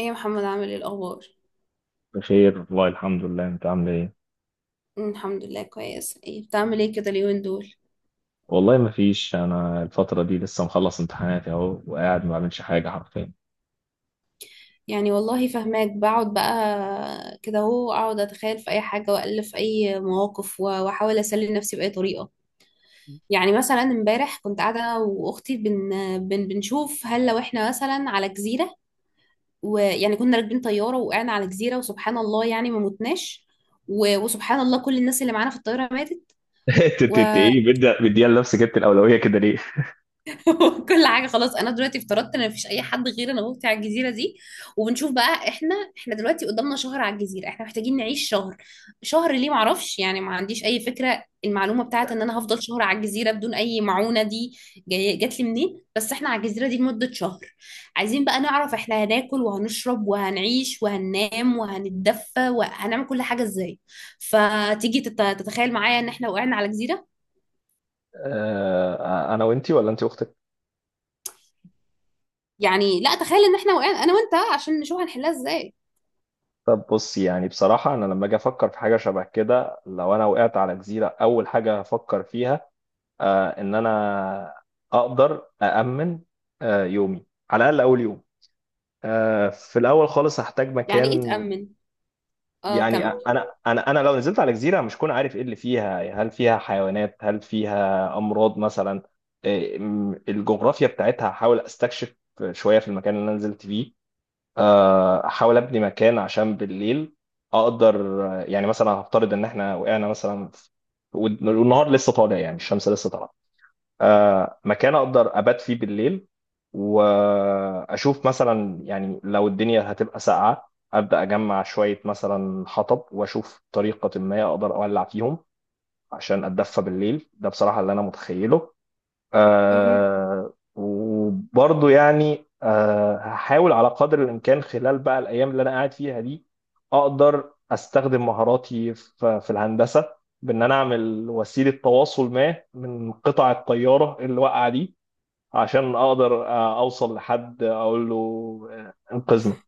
ايه يا محمد، عامل ايه الاخبار؟ بخير والله الحمد لله. انت عامل ايه؟ الحمد لله كويس. ايه بتعمل ايه كده اليومين دول؟ والله ما فيش، انا الفتره دي لسه مخلص امتحاناتي اهو، وقاعد ما بعملش حاجه حرفيا. يعني والله فهماك. بقعد بقى كده اهو، اقعد اتخيل في اي حاجه، والف في اي مواقف، واحاول اسلي نفسي باي طريقه. يعني مثلا امبارح كنت قاعده انا واختي بنشوف هل لو احنا مثلا على جزيره، ويعني كنا راكبين طياره وقعنا على جزيره، وسبحان الله يعني ما متناش. وسبحان الله كل الناس اللي معانا في الطياره ماتت. انت انت و... انت ايه بدي لنفسك انت الاولويه كده ليه؟ كل حاجه خلاص. انا دلوقتي افترضت ان مفيش اي حد غير انا وأختي على الجزيره دي، وبنشوف بقى. احنا دلوقتي قدامنا شهر على الجزيره، احنا محتاجين نعيش شهر. شهر ليه؟ معرفش، يعني ما عنديش اي فكره المعلومه بتاعت ان انا هفضل شهر على الجزيره بدون اي معونه دي جات لي منين، بس احنا على الجزيره دي لمده شهر. عايزين بقى نعرف احنا هناكل وهنشرب وهنعيش وهننام وهنتدفى وهنعمل كل حاجه ازاي. فتيجي تتخيل معايا ان احنا وقعنا على جزيره؟ انا وانتي ولا انتي واختك؟ يعني لا، تخيل ان احنا وقعنا انا وانت عشان نشوف هنحلها ازاي. طب بصي، يعني بصراحه انا لما اجي افكر في حاجه شبه كده، لو انا وقعت على جزيره اول حاجه هفكر فيها، ان انا اقدر أأمن يومي، على الاقل اول يوم. في الاول خالص هحتاج يعني ايه مكان. تأمن؟ اه، يعني كمل. انا لو نزلت على جزيره مش كون عارف ايه اللي فيها، هل فيها حيوانات؟ هل فيها امراض مثلا؟ الجغرافيا بتاعتها هحاول استكشف شويه في المكان اللي انا نزلت فيه. احاول ابني مكان عشان بالليل اقدر، يعني مثلا هفترض ان احنا وقعنا مثلا والنهار لسه طالع، يعني الشمس لسه طالعه. مكان اقدر ابات فيه بالليل، واشوف مثلا يعني لو الدنيا هتبقى ساقعه ابدا اجمع شويه مثلا حطب واشوف طريقه ما اقدر اولع فيهم عشان اتدفى بالليل. ده بصراحه اللي انا متخيله. مهم. آه وبرضه يعني آه، هحاول على قدر الإمكان خلال بقى الأيام اللي أنا قاعد فيها دي أقدر أستخدم مهاراتي في الهندسة، بإن أنا أعمل وسيلة تواصل ما من قطع الطيارة اللي واقعة دي عشان أقدر أوصل لحد أقول له إنقذنا.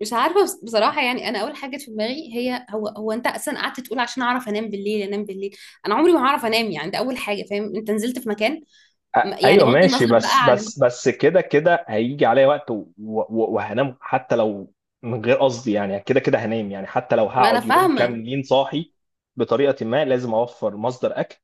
مش عارفة، بصراحة، يعني أنا أول حاجة جت في دماغي هي هو أنت أصلا قعدت تقول عشان أعرف أنام بالليل. أنام بالليل أنا عمري ما هعرف أنام. يعني ده أول حاجة. فاهم، أنت نزلت في مكان، يعني ايوه بغض ماشي، النظر بس بقى عن، بس بس كده كده هيجي عليا وقت وهنام حتى لو من غير قصدي، يعني كده كده هنام، يعني حتى لو ما أنا هقعد يومين فاهمة. كاملين صاحي. بطريقه ما لازم اوفر مصدر اكل،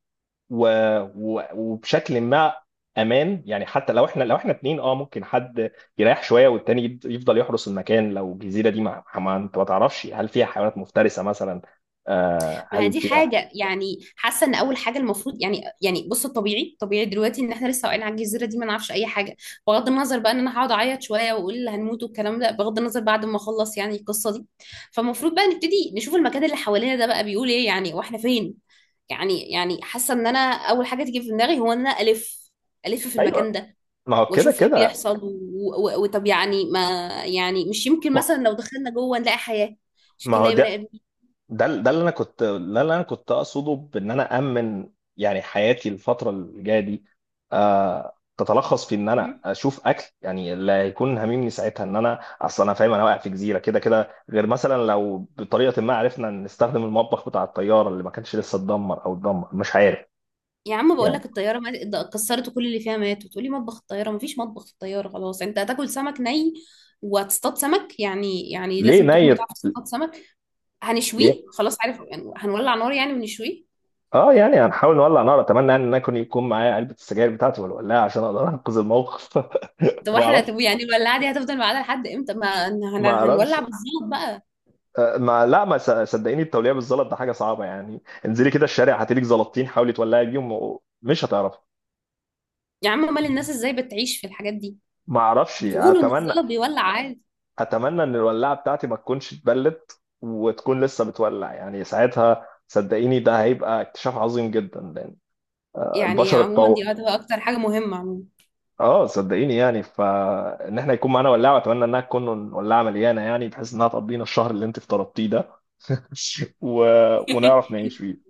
و... وبشكل ما امان، يعني حتى لو احنا، لو احنا اتنين اه، ممكن حد يريح شويه والتاني يفضل يحرس المكان، لو الجزيره دي ما انت ما تعرفش هل فيها حيوانات مفترسه مثلا، آه ما هي هل دي فيها. حاجة، يعني حاسة ان اول حاجة المفروض، يعني بص، الطبيعي طبيعي دلوقتي ان احنا لسه واقعين على الجزيرة دي ما نعرفش اي حاجة. بغض النظر بقى ان انا هقعد اعيط شوية واقول هنموت والكلام ده، بغض النظر، بعد ما اخلص يعني القصة دي، فالمفروض بقى نبتدي نشوف المكان اللي حوالينا ده بقى بيقول ايه، يعني واحنا فين. يعني حاسة ان انا اول حاجة تيجي في دماغي هو ان انا الف، الف في المكان ايوه، ده ما هو كده واشوف ايه كده. بيحصل وطب يعني، ما يعني مش يمكن ما، مثلا لو دخلنا جوه نلاقي حياة؟ مش ما يمكن هو نلاقي بني ده، ادمين؟ ده اللي انا كنت ده اللي انا كنت اقصده، بان انا امن يعني حياتي الفتره اللي جايه دي آه، تتلخص في ان انا اشوف اكل. يعني اللي هيكون هاممني ساعتها ان انا اصلا انا فاهم انا واقع في جزيره كده كده، غير مثلا لو بطريقه ما عرفنا نستخدم المطبخ بتاع الطياره اللي ما كانش لسه اتدمر او اتدمر مش عارف يا عم بقول يعني. لك الطياره ده كسرت، كل اللي فيها مات، وتقولي مطبخ الطياره؟ مفيش مطبخ في الطياره. خلاص، انت هتاكل سمك ني، وهتصطاد سمك. يعني ليه لازم تكون نيت؟ بتعرف تصطاد سمك. ليه؟ هنشويه خلاص، عارف يعني هنولع نار يعني ونشويه. اه يعني هنحاول نولع نار. اتمنى يعني ان انا يكون معايا علبه السجاير بتاعتي والولاعه عشان اقدر انقذ الموقف. ده ما واحنا اعرفش، هتبقى يعني الولاعه دي هتفضل معانا لحد امتى؟ ما ما اعرفش. هنولع بالظبط بقى. آه، ما لا، ما س- صدقيني التوليع بالزلط ده حاجه صعبه يعني. انزلي كده الشارع هاتلك زلطتين حاولي تولعي بيهم مش هتعرفي. يا عم امال الناس ازاي بتعيش في الحاجات دي؟ ما اعرفش، بيقولوا ان اتمنى. الزلط بيولع عادي. اتمنى ان الولاعه بتاعتي ما تكونش اتبلت وتكون لسه بتولع. يعني ساعتها صدقيني ده هيبقى اكتشاف عظيم جدا لان يعني البشر عموما دي اتطور. هتبقى اكتر حاجه مهمه عموما. اه صدقيني، يعني فان احنا يكون معانا ولاعه، واتمنى انها تكون ولاعه مليانه يعني بحيث انها تقضينا الشهر اللي انت افترضتيه ده. و... ونعرف نعيش فيه.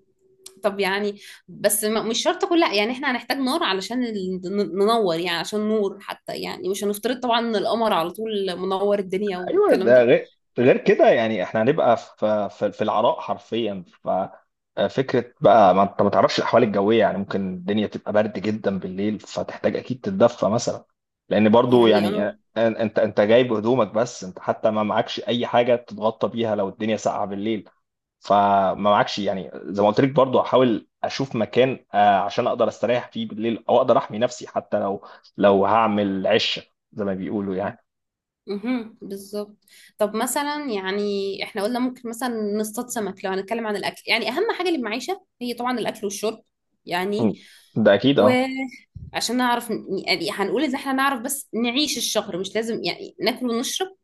طب يعني، بس مش شرط كل، يعني احنا هنحتاج نار علشان ننور، يعني عشان نور حتى، يعني مش هنفترض طبعا ان القمر على طول منور الدنيا ايوه، والكلام ده ده. غير، غير كده يعني احنا هنبقى في العراء حرفيا. ففكره بقى، ما انت ما تعرفش الاحوال الجويه، يعني ممكن الدنيا تبقى برد جدا بالليل فتحتاج اكيد تتدفى مثلا. لان برضو يعني يعني اه. انت، انت جايب هدومك بس انت حتى ما معكش اي حاجه تتغطى بيها لو الدنيا ساقعه بالليل. فما معكش يعني زي ما قلت لك، برضو احاول اشوف مكان عشان اقدر استريح فيه بالليل او اقدر احمي نفسي، حتى لو، لو هعمل عشه زي ما بيقولوا يعني. مهم. بالظبط. طب مثلا يعني احنا قلنا ممكن مثلا نصطاد سمك لو هنتكلم عن الاكل. يعني اهم حاجه للمعيشه هي طبعا الاكل والشرب. مم. يعني ده اكيد اه. وعشان نعرف، يعني هنقول ان احنا نعرف بس نعيش الشهر، مش لازم يعني ناكل ونشرب.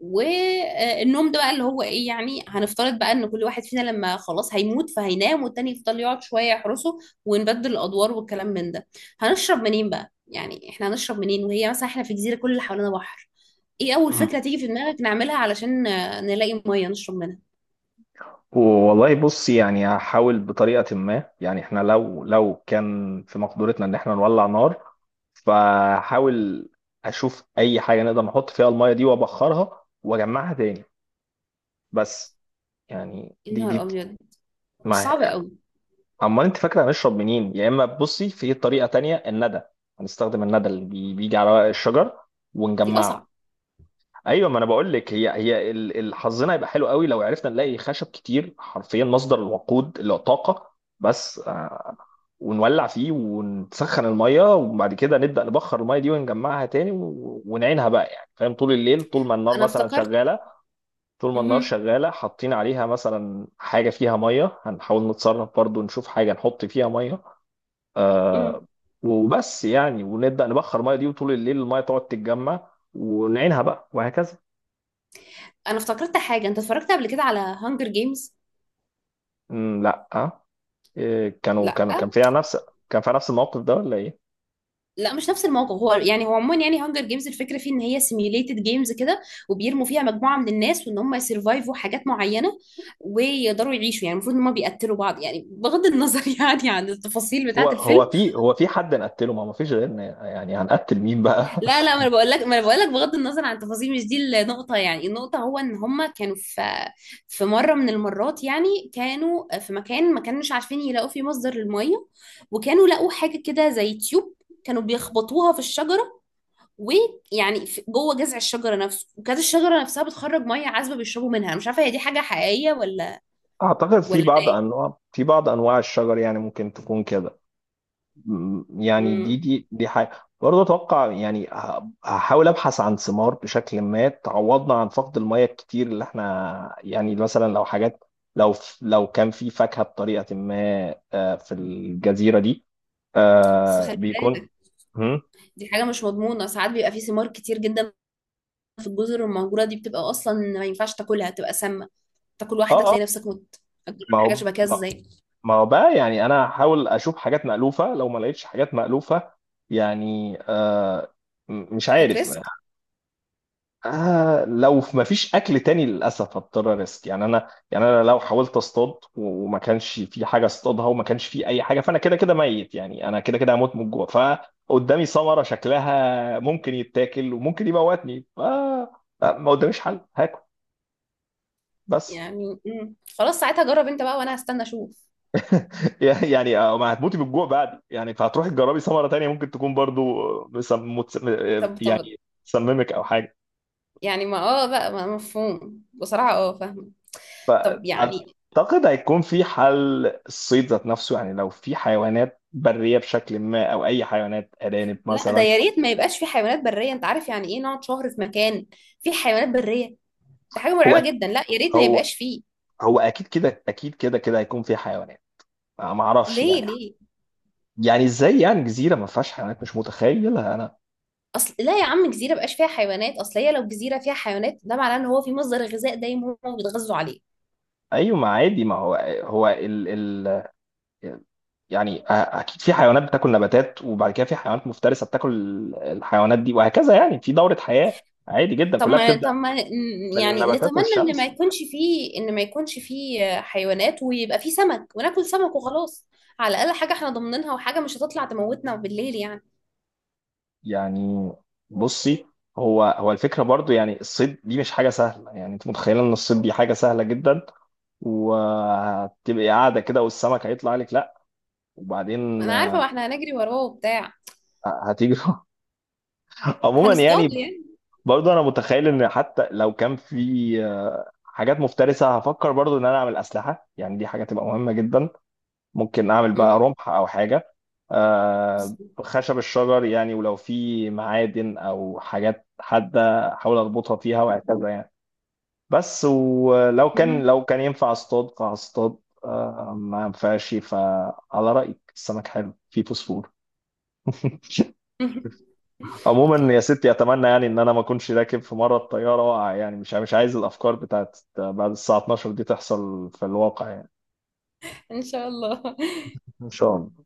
والنوم ده بقى اللي هو ايه؟ يعني هنفترض بقى ان كل واحد فينا لما خلاص هيموت فهينام والتاني يفضل يقعد شوية يحرسه، ونبدل الادوار والكلام من ده. هنشرب منين بقى؟ يعني احنا هنشرب منين وهي مثلا احنا في جزيرة كل اللي حوالينا بحر؟ ايه اول مم. فكرة تيجي في دماغك نعملها علشان نلاقي مية نشرب منها؟ والله بص، يعني هحاول بطريقة ما يعني احنا، لو لو كان في مقدورتنا ان احنا نولع نار فحاول اشوف اي حاجة نقدر نحط فيها المية دي وابخرها واجمعها تاني. بس يعني يا دي نهار دي ابيض، دي ما. صعبة قوي. امال انت فاكرة هنشرب منين؟ يا اما بصي في طريقة تانية: الندى. هنستخدم الندى اللي بيجي على ورق الشجر دي ونجمعه. اصعب. ايوه، ما انا بقول لك، هي حظنا هيبقى حلو قوي لو عرفنا نلاقي خشب كتير حرفيا، مصدر الوقود اللي هو طاقه. بس آه، ونولع فيه ونسخن الميه، وبعد كده نبدا نبخر الميه دي ونجمعها تاني ونعينها بقى يعني، فاهم؟ طول الليل طول ما النار انا مثلا افتكرت. شغاله، طول ما النار مهم. شغاله حاطين عليها مثلا حاجه فيها ميه. هنحاول نتصرف برضو نشوف حاجه نحط فيها ميه مم. آه، وبس يعني، ونبدا نبخر الميه دي، وطول الليل الميه تقعد تتجمع ونعينها بقى، وهكذا. انا افتكرت حاجة، انت اتفرجت قبل كده على هانجر جيمز؟ مم، لا آه. إيه، كانوا لا، كانوا كان فيها نفس، كان فيها نفس الموقف ده ولا ايه؟ لا، مش نفس الموقف. هو يعني هو عموما، يعني هانجر جيمز الفكره فيه ان هي سيميوليتد جيمز كده، وبيرموا فيها مجموعه من الناس، وان هم يسرفايفوا حاجات معينه ويقدروا يعيشوا. يعني المفروض ان هم بيقتلوا بعض، يعني بغض النظر يعني عن التفاصيل هو بتاعه الفيلم. هو في، هو في حد نقتله؟ ما ما فيش غيرنا، يعني هنقتل مين بقى؟ لا، لا، ما انا بقول لك بغض النظر عن التفاصيل، مش دي النقطه. يعني النقطه هو ان هم كانوا في مره من المرات، يعني كانوا في مكان ما كانوش عارفين يلاقوا فيه مصدر للميه، وكانوا لقوا حاجه كده زي تيوب، كانوا بيخبطوها في الشجرة ويعني جوه جذع الشجره نفسه، وكانت الشجره نفسها بتخرج ميه عذبه بيشربوا منها. أنا مش عارفه هي دي حاجه حقيقيه ولا، اعتقد في ولا ده بعض ايه. انواع، في بعض انواع الشجر يعني ممكن تكون كده. يعني دي امم دي دي حاجه برضه اتوقع. يعني هحاول ابحث عن ثمار بشكل ما تعوضنا عن فقد الميه الكتير اللي احنا، يعني مثلا لو حاجات، لو لو كان في فاكهه بطريقه ما في الجزيره دي، بس خلي بيكون. بالك، هم؟ دي حاجه مش مضمونه. ساعات بيبقى في ثمار كتير جدا في الجزر المهجوره دي بتبقى اصلا ما ينفعش تاكلها، بتبقى سامه. تاكل اه واحده اه. تلاقي نفسك مت. هتجرب ما حاجه هو، شبه كده ازاي؟ ما هو بقى يعني انا هحاول اشوف حاجات مألوفة، لو ما لقيتش حاجات مألوفة يعني آه، مش عارف. هتريسك؟ آه لو ما فيش اكل تاني، للاسف هضطر ريسك. يعني انا، يعني انا لو حاولت اصطاد وما كانش في حاجة اصطادها وما كانش في اي حاجة، فانا كده كده ميت يعني، انا كده كده هموت من الجوع، فقدامي ثمرة شكلها ممكن يتاكل وممكن يموتني، ف ما قداميش حل، هاكل بس. يعني خلاص ساعتها جرب انت بقى وانا هستنى اشوف. يعني يعني، آه، ما هتموتي بالجوع بعد يعني، فهتروحي تجربي ثمره تانية ممكن تكون برضو آه، مسم... متس... آه، طب، طب يعني تسممك او حاجه. يعني، ما اه بقى، ما مفهوم بصراحه، اه فاهمه. طب يعني، اعتقد هيكون في حل، الصيد ذات نفسه. يعني لو في حيوانات بريه بشكل ما او اي حيوانات، ارانب لا، ده مثلا. يا ريت ما يبقاش في حيوانات بريه. انت عارف يعني ايه نقعد شهر في مكان في حيوانات بريه؟ ده حاجه هو أك- مرعبه جدا، لا يا ريت ما هو، يبقاش فيه. هو اكيد كده، اكيد كده كده هيكون في حيوانات. آه، ما اعرفش ليه؟ يعني، ليه؟ يعني ازاي يعني جزيره ما فيهاش حيوانات؟ مش متخيلها انا. اصل لا يا عم، جزيره بقاش فيها حيوانات، اصل هي لو جزيره فيها حيوانات ده معناه ان هو في مصدر غذاء دايم هم بيتغذوا عليه. ايوه ما عادي، ما هو، هو ال... ال... يعني اكيد في حيوانات بتاكل نباتات، وبعد كده في حيوانات مفترسه بتاكل الحيوانات دي، وهكذا، يعني في دوره حياه عادي جدا طب كلها ما بتبدا طب ما من يعني النباتات نتمنى ان ما والشمس. يكونش فيه، ان ما يكونش فيه حيوانات، ويبقى فيه سمك وناكل سمك وخلاص. على الاقل حاجه احنا ضامنينها، وحاجه مش هتطلع تموتنا بالليل يعني. يعني بصي، هو الفكره برضو يعني الصيد دي مش حاجه سهله، يعني انت متخيله ان الصيد دي حاجه سهله جدا وهتبقي قاعده كده والسمك هيطلع لك؟ لا. ما وبعدين انا عارفه، ما آه، احنا هنجري وراه وبتاع، هتيجي. عموما هنصطاد يعني، يعني. برضو انا متخيل ان حتى لو كان في آه، حاجات مفترسه، هفكر برضو ان انا اعمل اسلحه، يعني دي حاجه تبقى مهمه جدا. ممكن اعمل بقى امم رمح او حاجه آه، خشب الشجر يعني. ولو في معادن او حاجات حاده احاول اربطها فيها، وهكذا يعني. بس ولو كان، مهم. لو كان ينفع اصطاد فهصطاد آه، ما ينفعش فعلى رايك السمك حلو فيه فوسفور. عموما يا ستي، اتمنى يعني ان انا ما اكونش راكب في مره الطياره واقع. يعني مش عايز الافكار بتاعت بعد الساعه 12 دي تحصل في الواقع يعني. ان شاء الله. ان شاء الله.